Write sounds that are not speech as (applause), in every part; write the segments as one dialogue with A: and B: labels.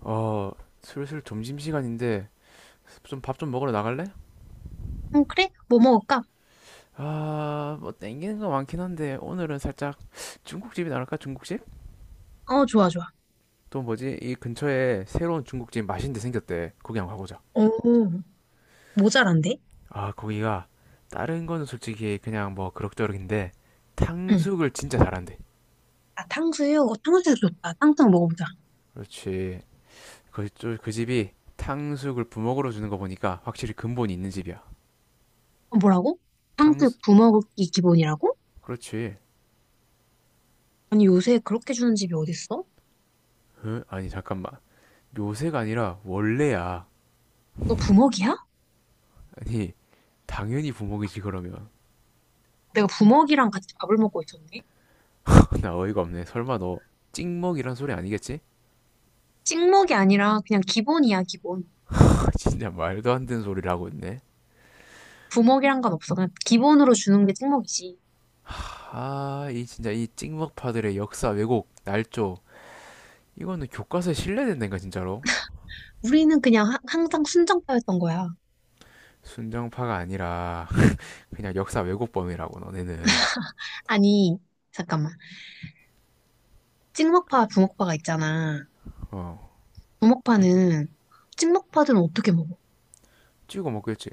A: 어, 슬슬 점심시간인데 좀 밥 좀 먹으러 나갈래?
B: 어, 그래? 뭐 먹을까?
A: 아, 뭐 땡기는 거 많긴 한데 오늘은 살짝 중국집이 나갈까? 중국집?
B: 어, 좋아, 좋아.
A: 또 뭐지? 이 근처에 새로운 중국집 맛있는 데 생겼대. 거기 한번 가보자.
B: 오, 모자란데?
A: 아, 거기가 다른 거는 솔직히 그냥 뭐 그럭저럭인데
B: 응.
A: 탕수육을 진짜 잘한대.
B: 아, 탕수육? 어, 탕수육 좋다. 탕수육 먹어보자.
A: 그렇지. 그 집이 탕수육을 부먹으로 주는 거 보니까 확실히 근본이 있는 집이야.
B: 어, 뭐라고?
A: 탕수,
B: 탕수육 부먹이 기본이라고?
A: 그렇지.
B: 아니, 요새 그렇게 주는 집이 어딨어?
A: 어? 아니, 잠깐만. 요새가 아니라 원래야.
B: 너 부먹이야?
A: 아니, 당연히 부먹이지 그러면.
B: 내가 부먹이랑 같이 밥을 먹고 있었네?
A: (laughs) 나 어이가 없네. 설마 너 찍먹이란 소리 아니겠지?
B: 찍먹이 아니라 그냥 기본이야, 기본.
A: (laughs) 진짜 말도 안 되는 소리를 하고 있네.
B: 부먹이란 건 없어. 그냥 기본으로 주는 게 찍먹이지.
A: 이 진짜 이 찍먹파들의 역사 왜곡 날조, 이거는 교과서에 실려된다니까 진짜로.
B: 우리는 그냥 항상 순정파였던 거야.
A: 순정파가 아니라 그냥 역사 왜곡범이라고 너네는.
B: 아니, 잠깐만. 찍먹파, 부먹파가 있잖아.
A: 어,
B: 부먹파는, 찍먹파들은 어떻게 먹어?
A: 찍어 먹겠지.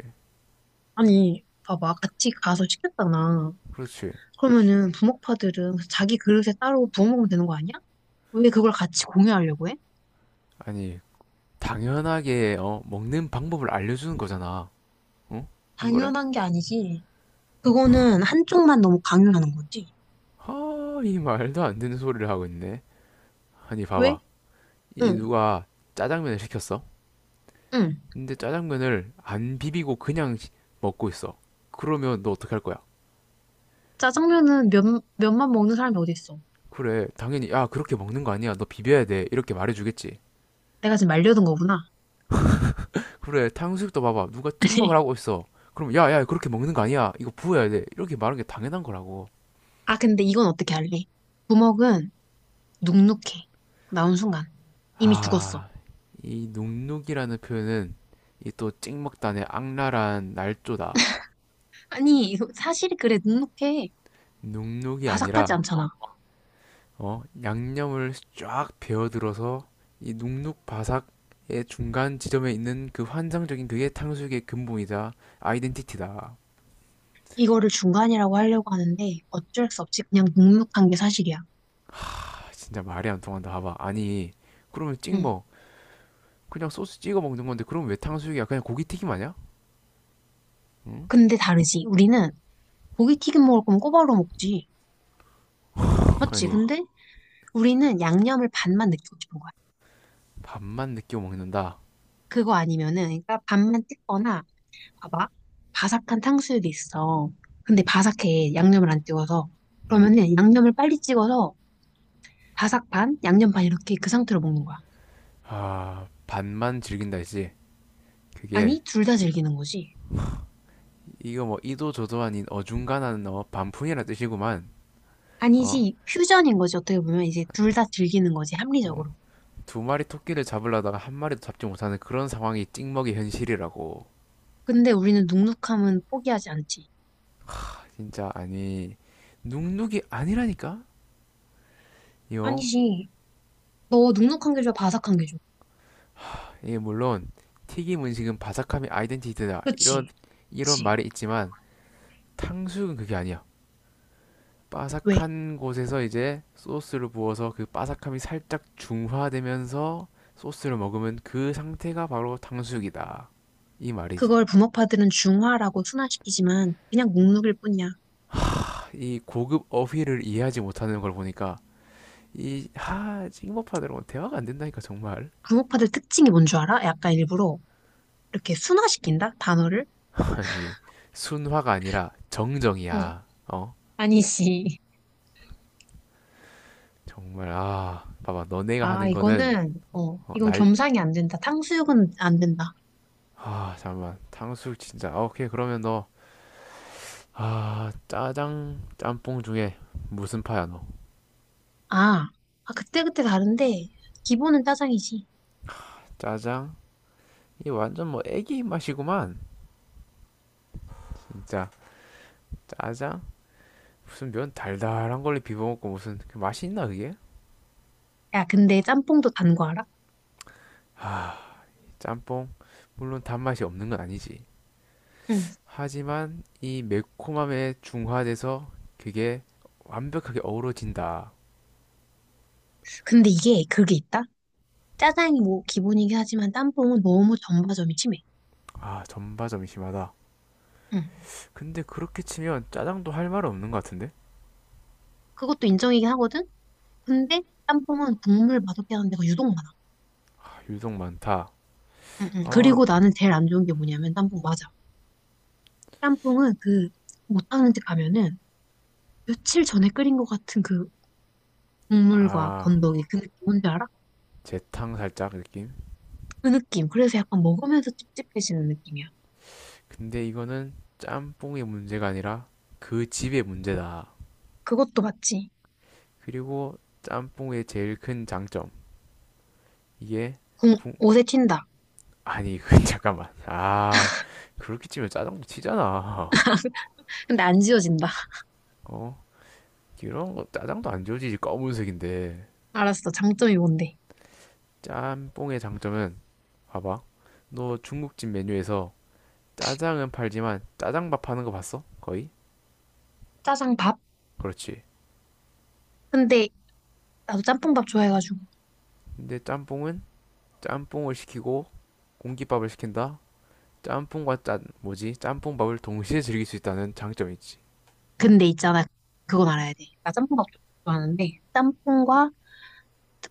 B: 아니, 봐봐. 같이 가서 시켰잖아.
A: 그렇지.
B: 그러면은 부먹파들은 자기 그릇에 따로 부어 먹으면 되는 거 아니야? 왜 그걸 같이 공유하려고 해?
A: 아니, 당연하게 먹는 방법을 알려주는 거잖아. 어? 안 그래?
B: 당연한 게 아니지. 그거는 한쪽만 너무 강요하는 거지.
A: 하이 말도 안 되는 소리를 하고 있네. 아니,
B: 왜?
A: 봐봐. 이
B: 응,
A: 누가 짜장면을 시켰어?
B: 응.
A: 근데 짜장면을 안 비비고 먹고 있어. 그러면 너 어떻게 할 거야?
B: 짜장면은 면만 먹는 사람이 어디 있어?
A: 그래, 당연히, 야, 그렇게 먹는 거 아니야. 너 비벼야 돼. 이렇게 말해주겠지.
B: 내가 지금 말려둔 거구나.
A: 그래, 탕수육도 봐봐. 누가 찍먹을
B: (laughs) 아니.
A: 하고 있어. 그럼, 야, 야, 그렇게 먹는 거 아니야. 이거 부어야 돼. 이렇게 말하는 게 당연한 거라고.
B: 아, 근데 이건 어떻게 할래? 부먹은 눅눅해. 나온 순간. 이미 죽었어.
A: 아, 이 눅눅이라는 표현은 이 또 찍먹단의 악랄한 날조다.
B: 아니, 이거 사실이 그래, 눅눅해.
A: 눅눅이
B: 바삭하지
A: 아니라
B: 않잖아.
A: 어, 양념을 쫙 배어들어서 이 눅눅바삭의 중간 지점에 있는 그 환상적인 그게 탕수육의 근본이다. 아이덴티티다.
B: 이거를 중간이라고 하려고 하는데 어쩔 수 없이 그냥 눅눅한 게 사실이야.
A: 아, 진짜 말이 안 통한다. 봐봐. 아니, 그러면
B: 응.
A: 찍먹. 그냥 소스 찍어 먹는 건데, 그럼 왜 탕수육이야? 그냥 고기 튀김 아니야? 응?
B: 근데 다르지. 우리는 고기 튀김 먹을 거면 꼬바로 먹지. 맞지? 어,
A: 아니,
B: 근데 우리는 양념을 반만 느끼고 싶은 거야.
A: 밥만 느끼고 먹는다.
B: 그거 아니면은, 그러니까 반만 뜯거나, 봐봐. 바삭한 탕수육이 있어. 근데 바삭해. 양념을 안 띄워서.
A: 음.
B: 그러면은 양념을 빨리 찍어서 바삭 반, 양념 반 이렇게 그 상태로 먹는 거야.
A: 아, 반만 즐긴다 했지. 그게,
B: 아니, 둘 다 즐기는 거지.
A: 이거 뭐, 이도 저도 아닌 어중간한 어, 반푼이라 뜻이구만. 어,
B: 아니지, 퓨전인 거지. 어떻게 보면 이제 둘 다 즐기는 거지.
A: 어,
B: 합리적으로.
A: 두 마리 토끼를 잡으려다가 한 마리도 잡지 못하는 그런 상황이 찍먹이 현실이라고.
B: 근데 우리는 눅눅함은 포기하지 않지.
A: 진짜, 아니, 눅눅이 아니라니까? 이거
B: 아니지. 너 눅눅한 게 좋아, 바삭한 게 좋아?
A: 물론 튀김 음식은 바삭함이 아이덴티티다 이런,
B: 그치?
A: 이런
B: 그치?
A: 말이 있지만 탕수육은 그게 아니야.
B: 왜?
A: 바삭한 곳에서 이제 소스를 부어서 그 바삭함이 살짝 중화되면서 소스를 먹으면 그 상태가 바로 탕수육이다. 이 말이지.
B: 그걸 부먹파들은 중화라고 순화시키지만 그냥 눅눅일 뿐이야.
A: 이 고급 어휘를 이해하지 못하는 걸 보니까 이, 하, 찍먹파들하고 대화가 안 된다니까, 정말.
B: 부먹파들 특징이 뭔 줄 알아? 약간 일부러 이렇게 순화시킨다? 단어를?
A: (laughs) 아니, 순화가 아니라
B: 어,
A: 정정이야. 어?
B: 아니지.
A: 정말, 아, 봐봐. 너네가
B: 아,
A: 하는 거는,
B: 이거는, 어,
A: 어,
B: 이건
A: 날,
B: 겸상이 안 된다. 탕수육은 안 된다.
A: 아, 잠깐만. 탕수육 진짜. 아, 오케이, 그러면 너, 아, 짜장, 짬뽕 중에 무슨 파야, 너?
B: 아, 아, 그때그때 다른데, 기본은 짜장이지.
A: 짜장? 이 완전 뭐 애기 입맛이구만. 진짜. 짜장? 무슨 면 달달한 걸로 비벼먹고 무슨 그 맛이 있나, 그게?
B: 야, 근데 짬뽕도 단 거 알아?
A: 짬뽕? 물론 단맛이 없는 건 아니지.
B: 응.
A: 하지만 이 매콤함에 중화돼서 그게 완벽하게 어우러진다.
B: 근데 이게, 그게 있다? 짜장이 뭐 기본이긴 하지만 짬뽕은 너무 전바점이 심해.
A: 아, 전바점이 심하다.
B: 응.
A: 근데 그렇게 치면 짜장도 할 말 없는 것 같은데?
B: 그것도 인정이긴 하거든? 근데 짬뽕은 국물 맛없게 하는 데가 유독 많아.
A: 아, 유독 많다.
B: 응, 응.
A: 어,
B: 그리고 나는 제일 안 좋은 게 뭐냐면 짬뽕 맞아. 짬뽕은 그 못하는 집 가면은 며칠 전에 끓인 것 같은 그 국물과
A: 아,
B: 건더기 그 느낌 뭔지 알아?
A: 재탕 살짝 느낌?
B: 그 느낌. 그래서 약간 먹으면서 찝찝해지는 느낌이야.
A: 근데 이거는 짬뽕의 문제가 아니라 그 집의 문제다.
B: 그것도 맞지.
A: 그리고 짬뽕의 제일 큰 장점. 이게
B: 공,
A: 궁,
B: 옷에 튄다.
A: 아니, (laughs) 그, 잠깐만. 아, 그렇게 치면 짜장도 치잖아.
B: 근데 안 지워진다. (laughs)
A: 어? 이런 거 짜장도 안 지워지지 검은색인데.
B: 알았어. 장점이 뭔데?
A: 짬뽕의 장점은, 봐봐, 너 중국집 메뉴에서 짜장은 팔지만 짜장밥 하는 거 봤어? 거의?
B: 짜장밥?
A: 그렇지.
B: 근데 나도 짬뽕밥 좋아해가지고.
A: 근데 짬뽕은 짬뽕을 시키고 공깃밥을 시킨다. 짬뽕과 짠 뭐지 짬뽕밥을 동시에 즐길 수 있다는 장점이 있지.
B: 근데 있잖아. 그건 알아야 돼. 나 짬뽕밥 좋아하는데 짬뽕과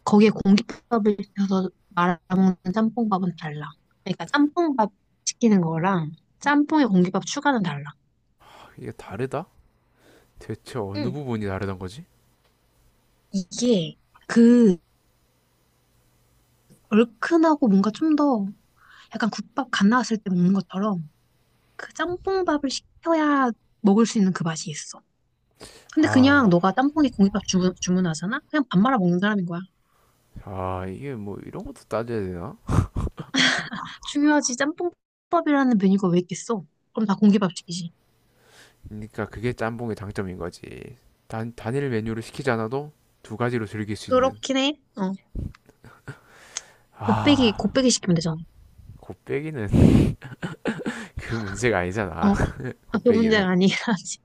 B: 거기에 공깃밥을 넣어서 말아먹는 짬뽕밥은 달라. 그러니까 짬뽕밥 시키는 거랑 짬뽕에 공깃밥 추가는 달라.
A: 아, 이게 다르다? 대체 어느
B: 응.
A: 부분이 다르단 거지?
B: 이게 그 얼큰하고 뭔가 좀 더 약간 국밥 갓 나왔을 때 먹는 것처럼 그 짬뽕밥을 시켜야 먹을 수 있는 그 맛이 있어. 근데 그냥
A: 아,
B: 너가 짬뽕에 공깃밥 주문하잖아? 그냥 밥 말아 먹는 사람인 거야.
A: 아, 이게 뭐 이런 것도 따져야 되나?
B: 중요하지. 짬뽕밥이라는 메뉴가 왜 있겠어? 그럼 다 공기밥식이지.
A: 그러니까 그게 짬뽕의 장점인 거지. 단, 단일 메뉴를 시키지 않아도 두 가지로 즐길 수 있는.
B: 그렇긴 해. 어. 곱빼기,
A: 아,
B: 곱빼기 시키면 되잖아.
A: 곱빼기는 (laughs) 그 문제가
B: 어.
A: 아니잖아. (laughs)
B: 아, 그
A: 곱빼기는.
B: 문제가 아니긴 하지.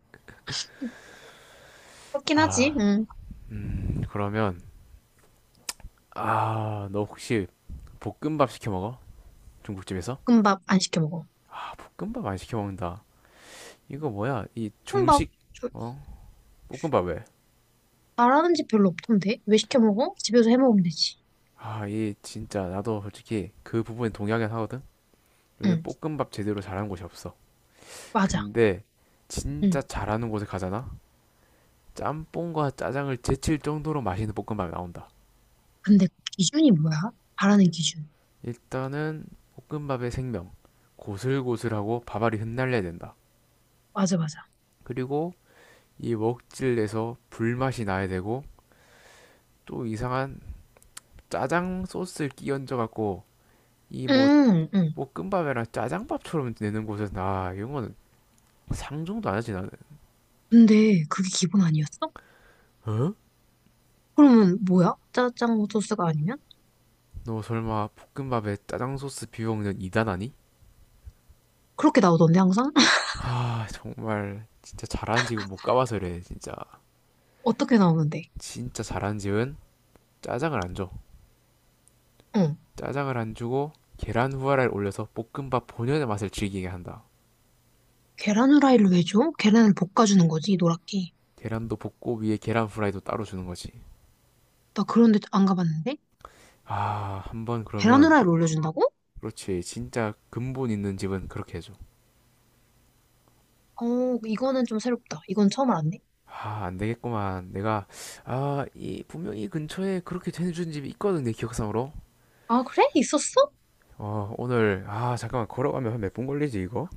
B: 그렇긴 하지.
A: 아,
B: 응.
A: 그러면, 아, 너 혹시 볶음밥 시켜 먹어? 중국집에서?
B: 볶음밥 안 시켜 먹어.
A: 볶음밥 안 시켜 먹는다. 이거 뭐야? 이
B: 볶음밥
A: 중식,
B: 저-
A: 어? 볶음밥 왜?
B: 잘하는 집 별로 없던데? 왜 시켜 먹어? 집에서 해 먹으면 되지.
A: 아, 이 진짜 나도 솔직히 그 부분에 동의하긴 하거든? 요즘
B: 응.
A: 볶음밥 제대로 잘하는 곳이 없어.
B: 맞아.
A: 근데 진짜
B: 응.
A: 잘하는 곳에 가잖아? 짬뽕과 짜장을 제칠 정도로 맛있는 볶음밥이 나온다.
B: 근데 기준이 뭐야? 잘하는 기준.
A: 일단은 볶음밥의 생명, 고슬고슬하고 밥알이 흩날려야 된다.
B: 맞아, 맞아.
A: 그리고 이 먹질에서 불맛이 나야 되고, 또 이상한 짜장 소스를 끼얹어 갖고 이 뭐
B: 응, 응.
A: 볶음밥이랑 짜장밥처럼 내는 곳에서, 나 이런 거는 상종도 안 하지 나는.
B: 근데 그게 기본 아니었어?
A: 어?
B: 그러면 뭐야? 짜장 소스가 아니면?
A: 너 설마 볶음밥에 짜장 소스 비벼 먹는 이단 아니?
B: 그렇게 나오던데, 항상? (laughs)
A: 하, 정말 진짜 잘한 집을 못 가봐서 그래, 진짜.
B: 어떻게 나오는데?
A: 진짜 잘한 집은 짜장을 안 줘.
B: 응.
A: 짜장을 안 주고 계란 후라이를 올려서 볶음밥 본연의 맛을 즐기게 한다.
B: 계란 후라이를 왜 줘? 계란을 볶아주는 거지, 노랗게.
A: 계란도 볶고 위에 계란 후라이도 따로 주는 거지.
B: 나 그런데 안 가봤는데?
A: 아, 한번
B: 계란
A: 그러면.
B: 후라이를 올려준다고?
A: 그렇지. 진짜 근본 있는 집은 그렇게 해줘.
B: 어, 이거는 좀 새롭다. 이건 처음 알았네.
A: 아, 안 되겠구만. 내가, 아, 이 분명히 근처에 그렇게 해주는 집이 있거든, 내 기억상으로.
B: 아, 그래? 있었어?
A: 어, 오늘, 아, 잠깐만, 걸어가면 한 몇 분 걸리지 이거?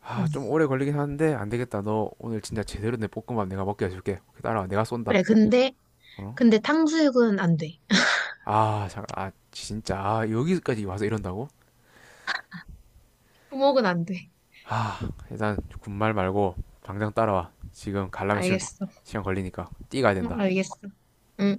A: 아,
B: 응.
A: 좀 오래 걸리긴 하는데 안 되겠다. 너 오늘 진짜 제대로 내 볶음밥 내가 먹게 해줄게. 따라와. 내가 쏜다.
B: 그래, 근데,
A: 어?
B: 근데 탕수육은 안 돼. (laughs)
A: 아, 잠깐, 아, 진짜, 아, 여기까지 와서 이런다고?
B: 부먹은 안 돼.
A: 아, 일단 군말 말고 당장 따라와. 지금 갈라면
B: 알겠어.
A: 시간 걸리니까 뛰어가야
B: 응,
A: 된다.
B: 알겠어. 응.